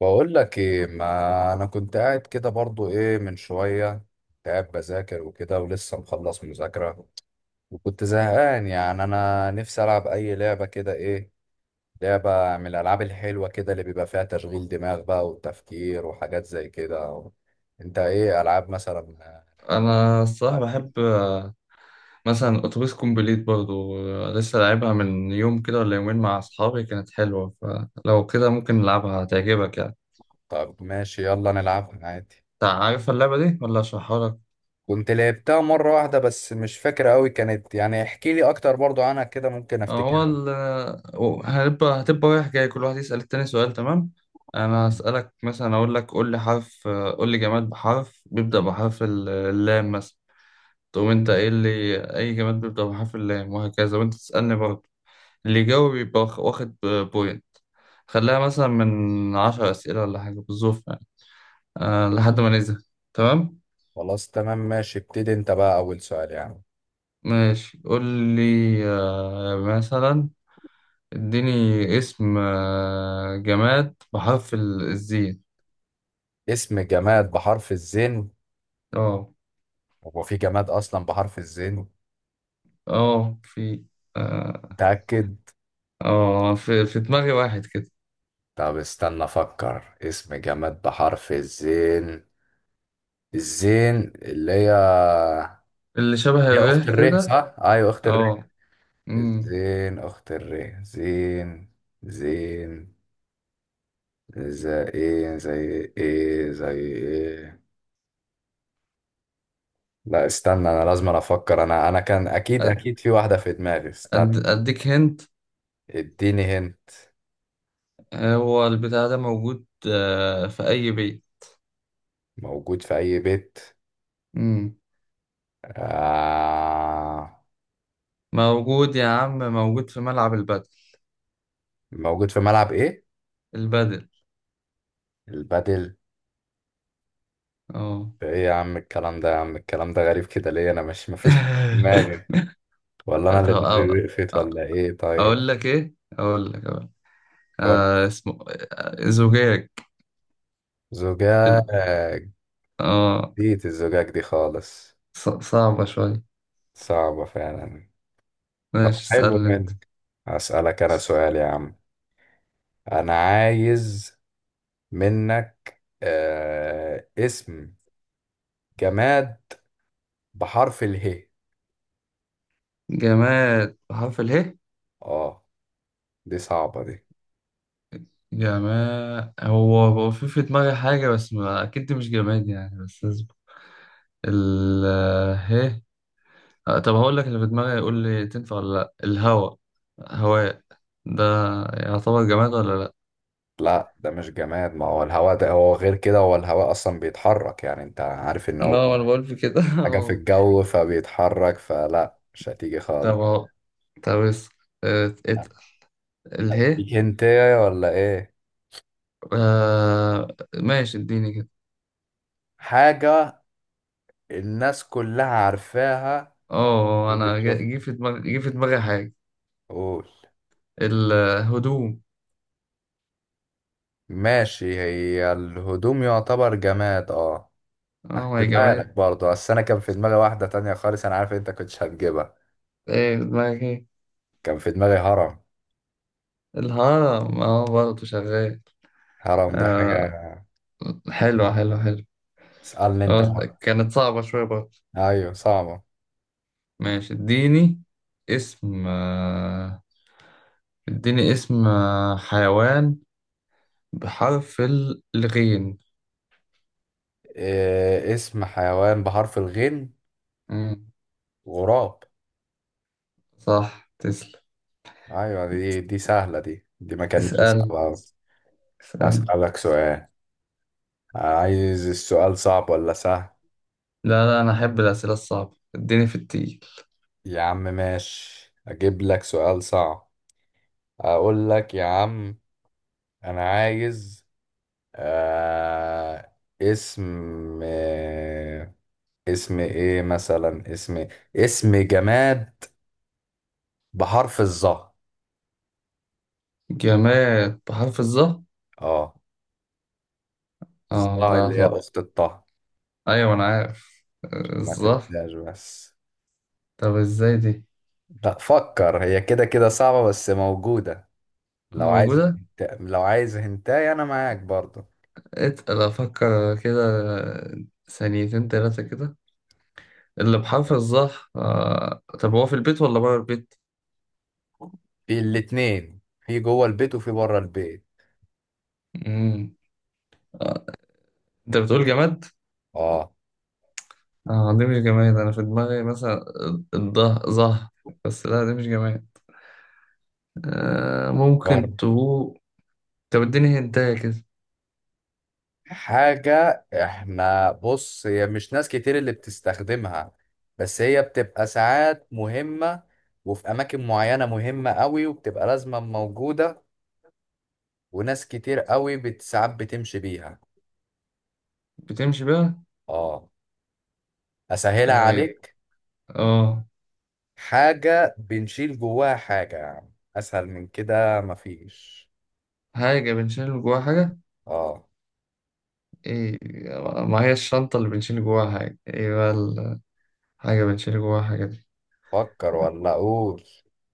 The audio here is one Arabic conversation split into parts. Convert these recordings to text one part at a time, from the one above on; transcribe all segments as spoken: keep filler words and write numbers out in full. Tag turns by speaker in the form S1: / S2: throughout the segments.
S1: بقول لك ايه؟ ما انا كنت قاعد كده برضو ايه من شويه، كنت قاعد بذاكر وكده، ولسه مخلص مذاكره، وكنت زهقان. يعني انا نفسي العب اي لعبه كده، ايه لعبه من الالعاب الحلوه كده اللي بيبقى فيها تشغيل دماغ بقى وتفكير وحاجات زي كده. انت ايه العاب مثلا؟
S2: انا الصراحه بحب آه، مثلا اتوبيس كومبليت برضو آه، لسه لعبها من يوم كده ولا يومين مع اصحابي، كانت حلوه. فلو كده ممكن نلعبها، هتعجبك يعني.
S1: طب ماشي، يلا نلعبها عادي.
S2: انت عارف اللعبه دي ولا اشرحها لك؟
S1: كنت لعبتها مره واحده بس مش فاكره قوي كانت، يعني احكي لي اكتر برضو عنها كده ممكن
S2: هو
S1: افتكرها.
S2: ال- آه، هنبقى هتبقى رايح جاي، كل واحد يسال التاني سؤال، تمام؟ انا هسالك مثلا، اقول لك قول لي حرف، آه، قول لي جماد بحرف، بيبدا بحرف ال- اللام مثلا. تقوم انت ايه اللي اي جماد بيبدا بحرف اللام، وهكذا، وانت تسالني برضه. اللي يجاوب يبقى واخ- واخد بوينت. خليها مثلا من عشر أسئلة ولا حاجة، بالظبط يعني، أه لحد ما نزهق. تمام
S1: خلاص تمام ماشي، ابتدي انت بقى اول سؤال يعني.
S2: ماشي. قول لي، أه مثلا اديني اسم آه، جماد بحرف ال- الزين.
S1: اسم جماد بحرف الزين؟
S2: اه.
S1: هو في جماد اصلا بحرف الزين؟
S2: اه في. اه.
S1: متأكد؟
S2: آه، في, في دماغي واحد كده،
S1: طب استنى افكر اسم جماد بحرف الزين. الزين اللي هي
S2: اللي شبه
S1: هي اخت
S2: الريح
S1: الره،
S2: كده.
S1: صح؟ ايوه اخت الره.
S2: اه. أمم.
S1: الزين اخت الره. زين. زين. زي ايه زي ايه زي ايه. لا استنى، انا لازم أنا افكر، انا انا كان اكيد
S2: أد-
S1: اكيد في واحدة في دماغي، استنى.
S2: أد- اديك هنت.
S1: اديني هنا.
S2: هو البتاع ده موجود آه، في اي بيت.
S1: موجود في أي بيت؟ آه.
S2: موجود يا عم، موجود في ملعب البدل.
S1: موجود في ملعب إيه؟
S2: البدل.
S1: البادل؟
S2: اه.
S1: إيه يا عم الكلام ده، يا عم الكلام ده غريب كده ليه؟ أنا مش، مفيش حاجة في دماغي، ولا أنا
S2: طب
S1: اللي
S2: أو...
S1: دماغي وقفت؟
S2: أو-
S1: ولا إيه؟ طيب
S2: اقول لك ايه، اقول لك اقول لك.
S1: قول.
S2: آه اسمه. آه زجاج. ال-
S1: زجاج؟
S2: اه.
S1: جديد الزجاج دي خالص.
S2: ص... صعبة شوية.
S1: صعبة فعلا. طب
S2: ماشي
S1: حلو
S2: اسألني انت.
S1: منك. أسألك أنا سؤال يا عم. أنا عايز منك آه اسم جماد بحرف اله.
S2: جماد بحرف اله.
S1: اه، دي صعبة دي.
S2: جماد، هو هو في في دماغي حاجة، بس ما... اكيد دي مش جماد يعني، بس اصبر. ال ه آه، طب هقول لك اللي في دماغي، يقول لي تنفع ولا لا. الهواء. هواء ده يعتبر جماد ولا لا؟
S1: لا ده مش جماد، ما هو الهواء ده هو غير كده، هو الهواء اصلا بيتحرك، يعني انت عارف ان
S2: اه
S1: هو
S2: ما انا بقول في كده
S1: حاجة في
S2: اه.
S1: الجو فبيتحرك، فلا مش هتيجي
S2: طب
S1: خالص.
S2: اه. طب اس ات ات اله
S1: هتيجي هنتايه ولا ايه؟
S2: آه ماشي، اديني كده.
S1: حاجة الناس كلها عارفاها
S2: اه انا جه جه
S1: وبتشوفها.
S2: في دماغي جه في دماغي حاجة.
S1: قول.
S2: الهدوم.
S1: ماشي، هي الهدوم يعتبر جماد اه.
S2: اه يا
S1: هحسبها لك
S2: جماعة.
S1: برضه، بس انا كان في دماغي واحدة تانية خالص، انا عارف انت كنتش هتجيبها.
S2: ايه في دماغك، ايه؟
S1: كان في دماغي هرم.
S2: الهرم. اه برضه شغال.
S1: هرم دي حاجة.
S2: آه. حلو حلو حلو.
S1: اسألني انت
S2: خلاص، ده
S1: بقى.
S2: كانت صعبة شوية برضه.
S1: ايوه صعبة.
S2: ماشي، اديني اسم آه اديني اسم آه حيوان بحرف الغين.
S1: إيه اسم حيوان بحرف الغين؟ غراب.
S2: صح تسلم.
S1: ايوه دي دي سهله، دي دي ما كانتش
S2: اسأل
S1: صعبه أوي.
S2: اسأل.
S1: هسألك سؤال. عايز السؤال صعب ولا سهل؟
S2: لا لا، أنا أحب الأسئلة الصعبة، اديني في التقيل.
S1: يا عم ماشي اجيب لك سؤال صعب، اقول لك يا عم، انا عايز آه اسم، آه اسم ايه مثلا، اسم، اسم جماد بحرف الظا.
S2: جماد بحرف الظهر.
S1: اه.
S2: اه
S1: الظا
S2: لا
S1: اللي هي
S2: صح.
S1: اخت الطه،
S2: أيوة أنا عارف آه،
S1: عشان ما
S2: الظهر.
S1: تنساش بس.
S2: طب ازاي دي؟
S1: لا فكر، هي كده كده صعبة بس موجودة. لو عايز
S2: موجودة.
S1: هنت... لو عايز هنتاي انا معاك برضه.
S2: اتقل أفكر كده، ثانيتين تلاتة كده. اللي بحرف الظهر آه. طب هو في البيت ولا بره البيت؟
S1: في الاتنين، في جوه البيت وفي بره البيت.
S2: مم. آه. أنت بتقول جماد؟
S1: اه
S2: اه دي مش جماد، أنا في دماغي مثلا الظهر ظهر، بس لا دي مش جماد. آه، ممكن
S1: بره.
S2: تقول. طب اديني هنتاية كده.
S1: حاجة احنا، بص، هي مش ناس كتير اللي بتستخدمها، بس هي بتبقى ساعات مهمة، وفي أماكن معينة مهمة قوي وبتبقى لازمة موجودة، وناس كتير قوي بت- ساعات بتمشي بيها.
S2: بتمشي بقى.
S1: اه، أسهلها
S2: طيب،
S1: عليك.
S2: اه.
S1: حاجة بنشيل جواها حاجة يا عم، أسهل من كده مفيش.
S2: حاجة بنشيل جواها حاجة.
S1: اه.
S2: ايه؟ ما هي الشنطة اللي بنشيل جواها حاجة، ايه بقى الحاجة بنشيل جواها حاجة دي؟
S1: فكر ولا أقول؟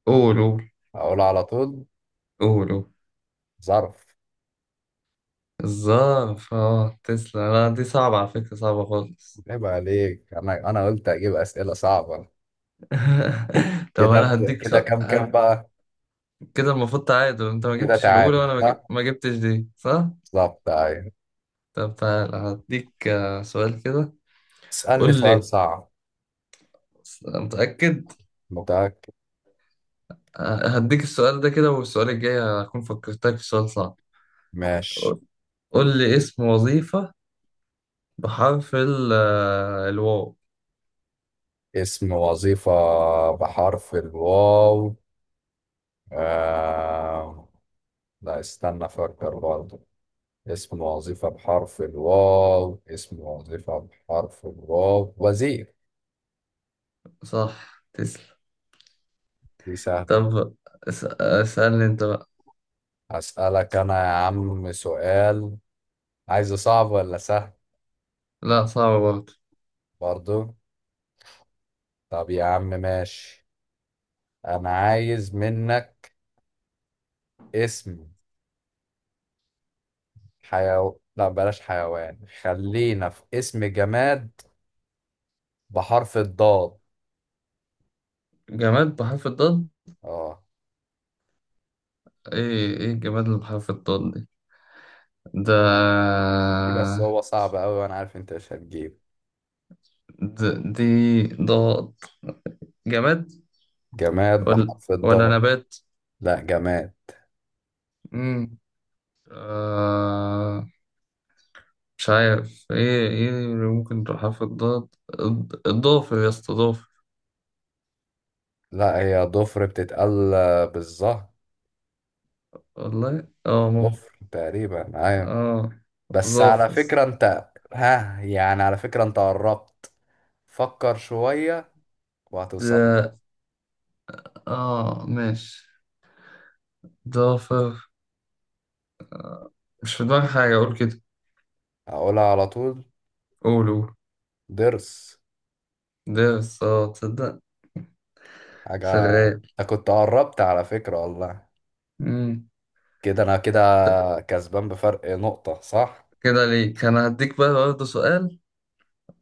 S2: قول قول.
S1: أقول على طول.
S2: قول قول.
S1: ظرف.
S2: الظرف. اه تسلا، لا دي صعبة على فكرة، صعبة خالص.
S1: عيب عليك، أنا أنا قلت أجيب أسئلة صعبة.
S2: طب
S1: كده
S2: انا
S1: أنت-
S2: هديك
S1: كده
S2: سؤال
S1: كام كام
S2: هد...
S1: بقى؟
S2: كده. المفروض تعادل، انت ما
S1: كده
S2: جبتش الاولى
S1: تعادل
S2: وانا ما جب-
S1: صح،
S2: ما جبتش دي، صح؟
S1: بالظبط أيوة.
S2: طب تعالى هديك آه، سؤال كده.
S1: اسألني
S2: قول
S1: سؤال
S2: لي.
S1: صعب.
S2: متأكد.
S1: متأكد.
S2: هديك السؤال ده كده، والسؤال الجاي هكون فكرتك في سؤال صعب.
S1: ماشي.
S2: قول لي اسم وظيفة بحرف ال- آه، الواو.
S1: اسم وظيفة بحرف الواو. آه... لا استنى أفكر برضه، اسم وظيفة بحرف الواو، اسم وظيفة بحرف الواو، وزير.
S2: صح تسلم.
S1: دي سهلة.
S2: طب اس- آه، اسألني انت بقى.
S1: أسألك أنا يا عم سؤال. عايزه صعب ولا سهل؟
S2: لا صعب برضه.
S1: برضو؟ طب يا عم ماشي، أنا عايز منك اسم حيو... لا بلاش حيوان، خلينا في اسم جماد بحرف الضاد.
S2: جماد بحرف الضاد.
S1: اه،
S2: ايه ايه الجماد اللي بحرف الضاد دي؟ ده.
S1: دي دي بس هو صعب أوي، وأنا عارف أنت مش هتجيب.
S2: د- دي. ضاد. جماد،
S1: جماد
S2: ولا.
S1: بحرف
S2: ولا
S1: الضاد.
S2: نبات؟
S1: لا جماد.
S2: مم. آه. مش عارف ايه ايه اللي ممكن تروح حرف الضاد. الض- الضافر يا اسطى، ضافر.
S1: لا هي ضفر بتتقال بالظهر.
S2: والله اه ممكن.
S1: ضفر تقريبا ايوه.
S2: اه.
S1: بس على
S2: ظافر.
S1: فكرة انت ها، يعني على فكرة انت قربت. فكر شوية وهتوصل لها.
S2: ده. اه ماشي. ضافر. مش في دماغي حاجة اقول كده.
S1: هقولها على طول.
S2: قول قول.
S1: ضرس.
S2: ده بس اه تصدق
S1: حاجة،
S2: شغال.
S1: انت كنت قربت على فكرة والله.
S2: مم.
S1: كده انا كده
S2: طب
S1: كسبان بفرق نقطة صح.
S2: كده ليك، انا هديك بقى برضه سؤال،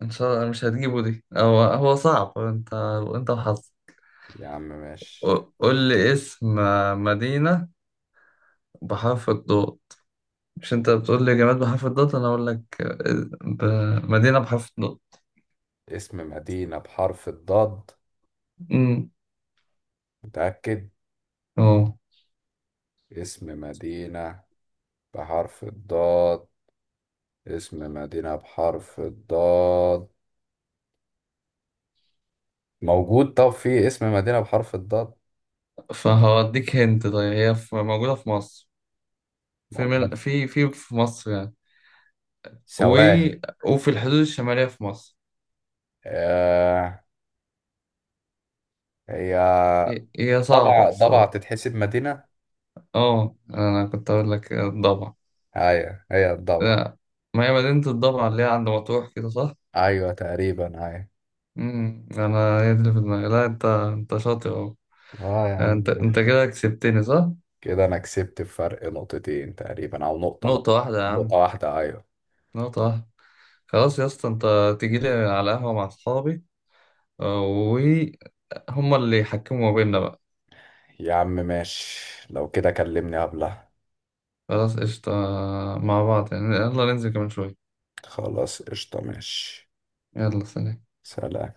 S2: ان شاء الله مش هتجيبه دي. هو هو صعب انت، انت وحظك.
S1: يا عم ماشي.
S2: قول لي اسم مدينة بحرف الضاد. مش انت بتقول لي جماد بحرف الضاد، انا اقول لك ب- مدينة بحرف الضاد.
S1: اسم مدينة بحرف الضاد.
S2: امم.
S1: متأكد.
S2: اه.
S1: اسم مدينة بحرف الضاد. اسم مدينة بحرف الضاد. موجود؟ طب في اسم مدينة بحرف الضاد
S2: فهوديك هنت، طيب هي في- موجودة في مصر. في
S1: موجود؟
S2: من... في في في مصر يعني. و...
S1: ثواني.
S2: وفي الحدود الشمالية في مصر.
S1: آه. هي
S2: هي هي صعبة
S1: ضبع؟ ضبع
S2: الصراحة.
S1: تتحسب مدينة؟
S2: اه انا كنت اقول لك الضبع.
S1: ايوه هي الضبع.
S2: لا، ما هي مدينة الضبع اللي هي عند مطروح كده، صح؟
S1: ايوه تقريبا ايوه.
S2: امم انا هي دي اللي في دماغي، لا انت انت شاطر اهو.
S1: اه يا عم.
S2: انت انت كده كسبتني صح؟
S1: كده انا كسبت بفرق نقطتين تقريبا، او نقطة، نقطة
S2: نقطة واحدة يا
S1: نقطة
S2: عم.
S1: واحدة ايوه.
S2: نقطة واحدة. خلاص يا اسطى، انت تيجي لي على قهوة مع اصحابي آه، وهم اللي يحكموا ما بيننا بقى.
S1: يا عم ماشي، لو كده كلمني قبلها.
S2: خلاص قشطة آه، مع بعض يعني، يلا ننزل كمان شوية.
S1: خلاص قشطة ماشي.
S2: يلا سلام.
S1: سلام.